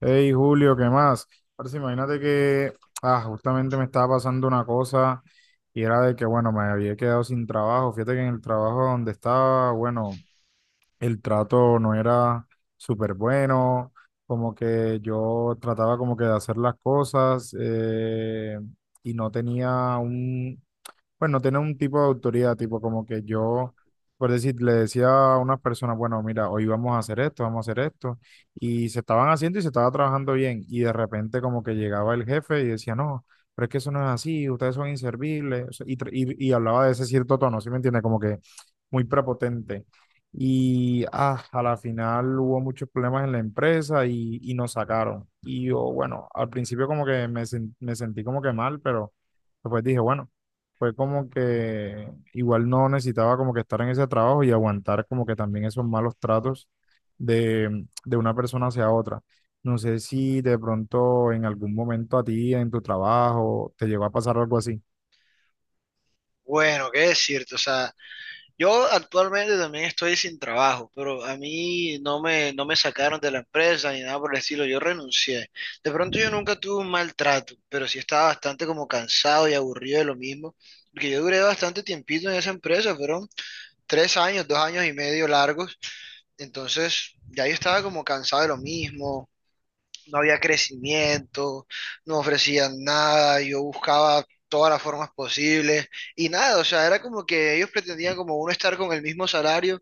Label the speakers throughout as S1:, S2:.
S1: Hey Julio, ¿qué más? Ahora sí, imagínate que justamente me estaba pasando una cosa y era de que, bueno, me había quedado sin trabajo. Fíjate que en el trabajo donde estaba, bueno, el trato no era súper bueno, como que yo trataba como que de hacer las cosas y no tenía un, pues no tiene un tipo de autoridad, tipo como que yo, por decir, le decía a unas personas, bueno, mira, hoy vamos a hacer esto, vamos a hacer esto, y se estaban haciendo y se estaba trabajando bien, y de repente como que llegaba el jefe y decía, no, pero es que eso no es así, ustedes son inservibles, o sea, y hablaba de ese cierto tono, ¿sí me entiende? Como que muy prepotente. A la final hubo muchos problemas en la empresa y nos sacaron. Y yo, bueno, al principio como que me sentí como que mal, pero después dije, bueno, fue como que igual no necesitaba como que estar en ese trabajo y aguantar como que también esos malos tratos de una persona hacia otra. No sé si de pronto en algún momento a ti, en tu trabajo, te llegó a pasar algo así.
S2: Bueno, qué decirte, o sea, yo actualmente también estoy sin trabajo, pero a mí no me sacaron de la empresa ni nada por el estilo, yo renuncié. De pronto yo nunca tuve un maltrato, pero sí estaba bastante como cansado y aburrido de lo mismo, porque yo duré bastante tiempito en esa empresa, fueron 3 años, 2 años y medio largos, entonces ya yo estaba como cansado de lo mismo, no había crecimiento, no ofrecían nada, yo buscaba todas las formas posibles y nada, o sea, era como que ellos pretendían como uno estar con el mismo salario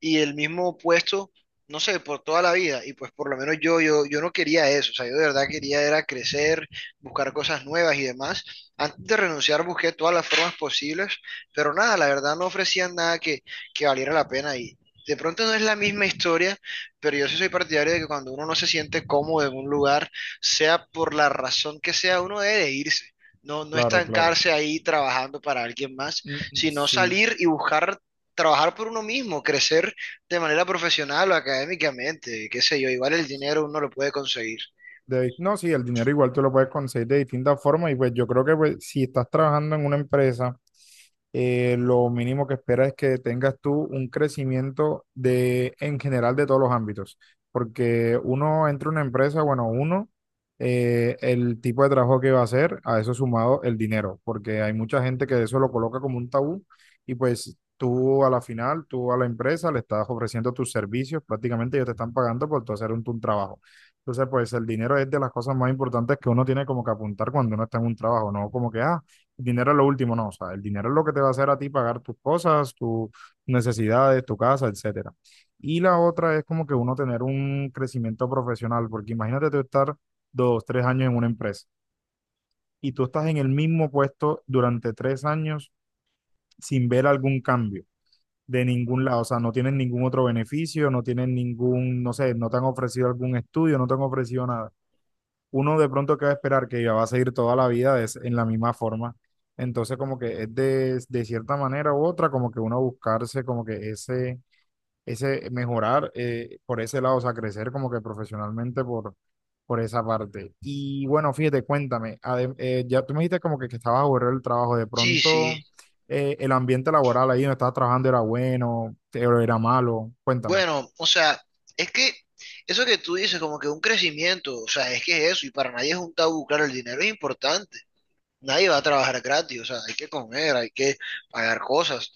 S2: y el mismo puesto, no sé, por toda la vida y pues por lo menos yo no quería eso, o sea, yo de verdad quería era crecer, buscar cosas nuevas y demás. Antes de renunciar busqué todas las formas posibles, pero nada, la verdad no ofrecían nada que valiera la pena y de pronto no es la misma historia pero yo sí soy partidario de que cuando uno no se siente cómodo en un lugar, sea por la razón que sea, uno debe de irse. No, no
S1: Claro, claro.
S2: estancarse ahí trabajando para alguien más, sino
S1: Sí.
S2: salir y buscar trabajar por uno mismo, crecer de manera profesional o académicamente, qué sé yo, igual el dinero uno lo puede conseguir.
S1: De- no, sí, el dinero igual tú lo puedes conseguir de distintas formas y pues yo creo que pues, si estás trabajando en una empresa lo mínimo que espera es que tengas tú un crecimiento de, en general de todos los ámbitos, porque uno entra a una empresa, bueno, uno, el tipo de trabajo que va a hacer, a eso sumado el dinero, porque hay mucha gente que eso lo coloca como un tabú y pues tú a la final, tú a la empresa le estás ofreciendo tus servicios, prácticamente ellos te están pagando por tú hacer un trabajo. Entonces, pues el dinero es de las cosas más importantes que uno tiene como que apuntar cuando uno está en un trabajo, no como que, ah, el dinero es lo último, no, o sea, el dinero es lo que te va a hacer a ti pagar tus cosas, tus necesidades, tu casa, etcétera. Y la otra es como que uno tener un crecimiento profesional, porque imagínate tú estar dos, tres años en una empresa y tú estás en el mismo puesto durante tres años sin ver algún cambio de ningún lado, o sea, no tienes ningún otro beneficio, no tienes ningún, no sé, no te han ofrecido algún estudio, no te han ofrecido nada, uno de pronto que va a esperar que va a seguir toda la vida de es en la misma forma. Entonces, como que es de cierta manera u otra, como que uno buscarse, como que ese mejorar por ese lado, o sea, crecer como que profesionalmente por esa parte. Y bueno, fíjate, cuéntame, ya tú me dijiste como que estabas aburrido del trabajo, de
S2: Sí,
S1: pronto
S2: sí.
S1: el ambiente laboral ahí donde estabas trabajando era bueno, te- era malo, cuéntame.
S2: Bueno, o sea, es que eso que tú dices, como que un crecimiento, o sea, es que es eso, y para nadie es un tabú, claro, el dinero es importante, nadie va a trabajar gratis, o sea, hay que comer, hay que pagar cosas.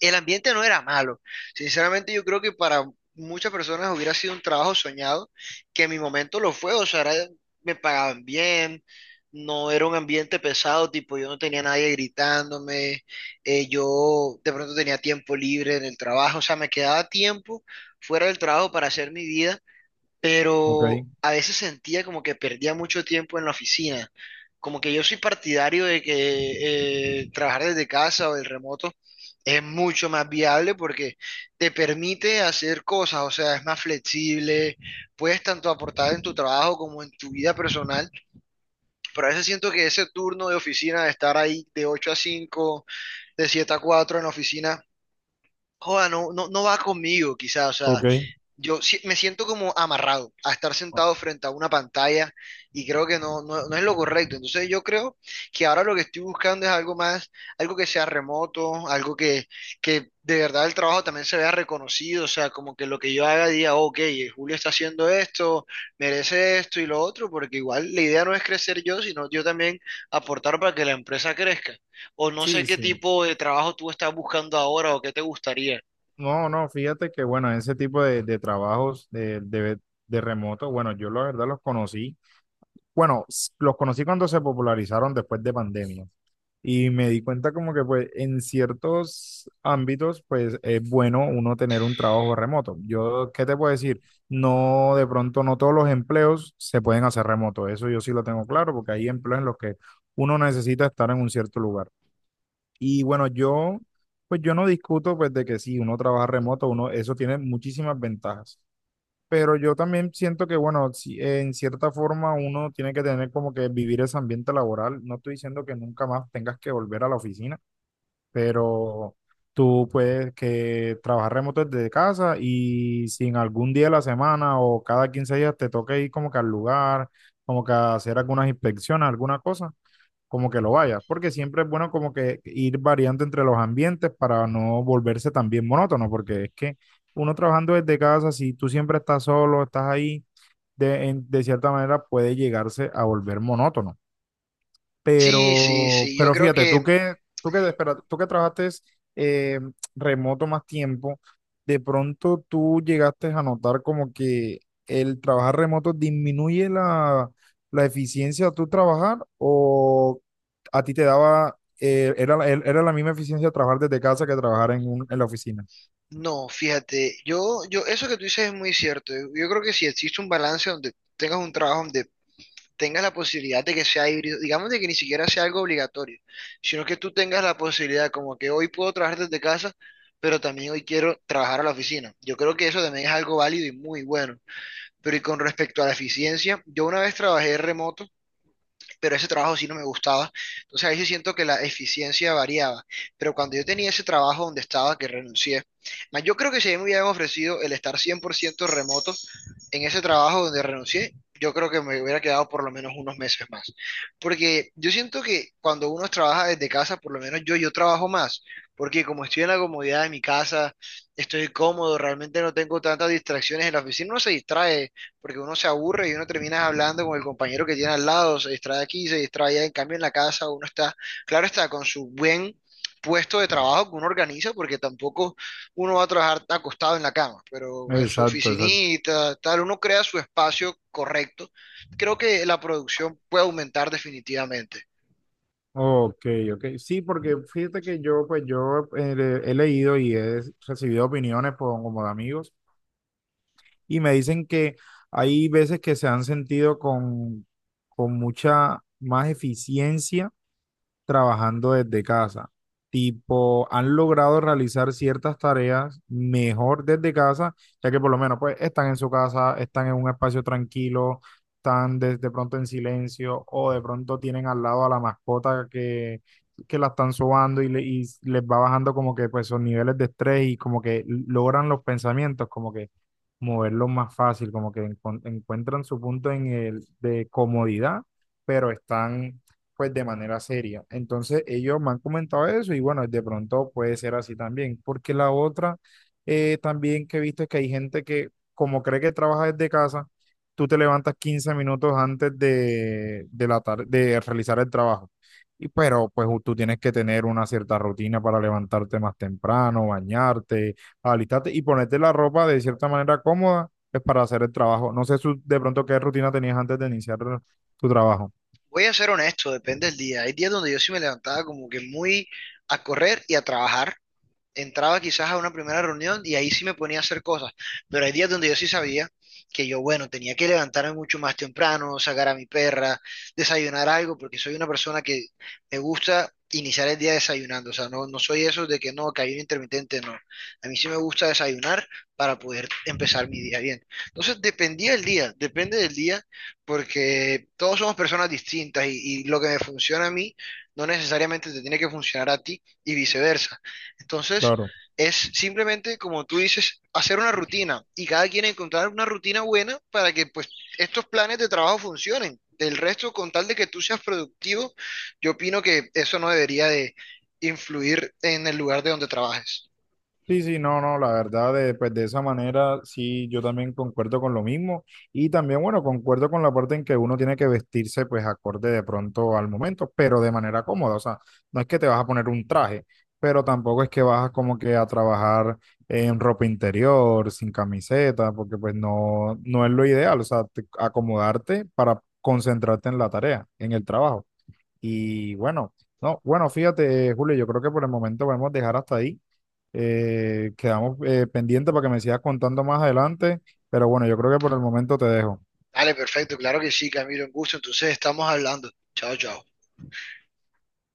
S2: El ambiente no era malo. Sinceramente, yo creo que para muchas personas hubiera sido un trabajo soñado, que en mi momento lo fue, o sea, me pagaban bien, no era un ambiente pesado, tipo, yo no tenía nadie gritándome, yo de pronto tenía tiempo libre en el trabajo, o sea, me quedaba tiempo fuera del trabajo para hacer mi vida
S1: Ok,
S2: pero a veces sentía como que perdía mucho tiempo en la oficina. Como que yo soy partidario de que trabajar desde casa o del remoto es mucho más viable porque te permite hacer cosas, o sea, es más flexible, puedes tanto aportar en tu trabajo como en tu vida personal, pero a veces siento que ese turno de oficina, de estar ahí de 8 a 5, de 7 a 4 en la oficina, joda, no, no, no va conmigo quizás, o sea,
S1: ok.
S2: yo si- me siento como amarrado a estar
S1: Oh,
S2: sentado frente a una pantalla y creo que no, no, no es lo correcto. Entonces yo creo que ahora lo que estoy buscando es algo más, algo que sea remoto, algo que de verdad el trabajo también se vea reconocido, o sea, como que lo que yo haga diga, ok, Julio está haciendo esto, merece esto y lo otro, porque igual la idea no es crecer yo, sino yo también aportar para que la empresa crezca. O no sé
S1: sí,
S2: qué
S1: sí.
S2: tipo de trabajo tú estás buscando ahora o qué te gustaría.
S1: No, no, fíjate que bueno, ese tipo de trabajos de remoto, bueno, yo la verdad los conocí, bueno, los conocí cuando se popularizaron después de pandemia y me di cuenta como que pues en ciertos ámbitos pues es bueno uno tener un trabajo remoto. Yo, ¿qué te puedo decir? No, de pronto no todos los empleos se pueden hacer remoto, eso yo sí lo tengo claro porque hay empleos en los que uno necesita estar en un cierto lugar. Y bueno, yo, pues yo no discuto pues de que sí, uno trabaja remoto, uno, eso tiene muchísimas ventajas. Pero yo también siento que, bueno, si- en cierta forma uno tiene que tener como que vivir ese ambiente laboral. No estoy diciendo que nunca más tengas que volver a la oficina, pero tú puedes que trabajar remoto desde casa y si en algún día de la semana o cada 15 días te toca ir como que al lugar, como que a hacer algunas inspecciones, alguna cosa como que lo vaya, porque siempre es bueno como que ir variando entre los ambientes para no volverse también monótono, porque es que uno trabajando desde casa, si tú siempre estás solo, estás ahí, de cierta manera puede llegarse a volver monótono.
S2: Sí, sí,
S1: Pero,
S2: sí, yo
S1: pero
S2: creo
S1: fíjate,
S2: que
S1: espera, tú que trabajaste eh, remoto más tiempo, de pronto tú llegaste a notar como que el trabajar remoto disminuye la eficiencia de tu trabajar o a ti te daba, era la misma eficiencia trabajar desde casa que trabajar en la oficina.
S2: no, fíjate, eso que tú dices es muy cierto. Yo creo que si existe un balance donde tengas un trabajo donde tengas la posibilidad de que sea híbrido, digamos de que ni siquiera sea algo obligatorio, sino que tú tengas la posibilidad, como que hoy puedo trabajar desde casa, pero también hoy quiero trabajar a la oficina. Yo creo que eso también es algo válido y muy bueno. Pero y con respecto a la eficiencia, yo una vez trabajé remoto pero ese trabajo sí no me gustaba. Entonces ahí sí siento que la eficiencia variaba. Pero cuando yo tenía ese trabajo donde estaba, que renuncié, más yo creo que si a mí me hubieran ofrecido el estar 100% remoto en ese trabajo donde renuncié, yo creo que me hubiera quedado por lo menos unos meses más. Porque yo siento que cuando uno trabaja desde casa, por lo menos yo trabajo más. Porque como estoy en la comodidad de mi casa, estoy cómodo, realmente no tengo tantas distracciones en la oficina, uno se distrae porque uno se aburre y uno termina hablando con el compañero que tiene al lado, se distrae aquí, se distrae allá, en cambio en la casa uno está, claro está, con su buen puesto de trabajo que uno organiza, porque tampoco uno va a trabajar acostado en la cama, pero en su
S1: Exacto, exacto.
S2: oficinita, tal, uno crea su espacio correcto. Creo que la producción puede aumentar definitivamente.
S1: Ok, ok. Sí, porque fíjate que yo, pues yo he leído y he recibido opiniones por- como de amigos. Y me dicen que hay veces que se han sentido con mucha más eficiencia trabajando desde casa. Tipo, han logrado realizar ciertas tareas mejor desde casa, ya que por lo menos pues están en su casa, están en un espacio tranquilo, están de pronto en silencio o de pronto tienen al lado a la mascota que la están sobando y les va bajando como que pues sus niveles de estrés y como que logran los pensamientos, como que moverlos más fácil, como que encuentran su punto en el de comodidad, pero están pues de manera seria. Entonces ellos me han comentado eso y bueno, de pronto puede ser así también, porque la otra también que he visto es que hay gente que como cree que trabaja desde casa, tú te levantas 15 minutos antes de realizar el trabajo. Y pero pues tú tienes que tener una cierta rutina para levantarte más temprano, bañarte, alistarte y ponerte la ropa de cierta manera cómoda pues, para hacer el trabajo. No sé de pronto qué rutina tenías antes de iniciar tu trabajo.
S2: Voy a ser honesto, depende del día. Hay días donde yo sí me levantaba como que muy a correr y a trabajar, entraba quizás a una primera reunión y ahí sí me ponía a hacer cosas, pero hay días donde yo sí sabía que yo, bueno, tenía que levantarme mucho más temprano, sacar a mi perra, desayunar algo, porque soy una persona que me gusta iniciar el día desayunando, o sea, no, no soy eso de que no, que hay un intermitente, no. A mí sí me gusta desayunar para poder empezar mi día bien. Entonces, dependía del día, depende del día, porque todos somos personas distintas y lo que me funciona a mí no necesariamente te tiene que funcionar a ti y viceversa. Entonces,
S1: Claro.
S2: es simplemente, como tú dices, hacer una rutina y cada quien encontrar una rutina buena para que pues estos planes de trabajo funcionen. Del resto, con tal de que tú seas productivo, yo opino que eso no debería de influir en el lugar de donde trabajes.
S1: Sí, sí, no, no, la verdad, pues de esa manera sí, yo también concuerdo con lo mismo y también, bueno, concuerdo con la parte en que uno tiene que vestirse pues acorde de pronto al momento, pero de manera cómoda, o sea, no es que te vas a poner un traje, pero tampoco es que vas como que a trabajar en ropa interior, sin camiseta, porque pues no, no es lo ideal, o sea, te- acomodarte para concentrarte en la tarea, en el trabajo. Y bueno, no, bueno, fíjate, Julio, yo creo que por el momento podemos dejar hasta ahí quedamos pendientes para que me sigas contando más adelante, pero bueno, yo creo que por el momento te dejo.
S2: Vale, perfecto, claro que sí, Camilo, un gusto. Entonces, estamos hablando. Chao, chao.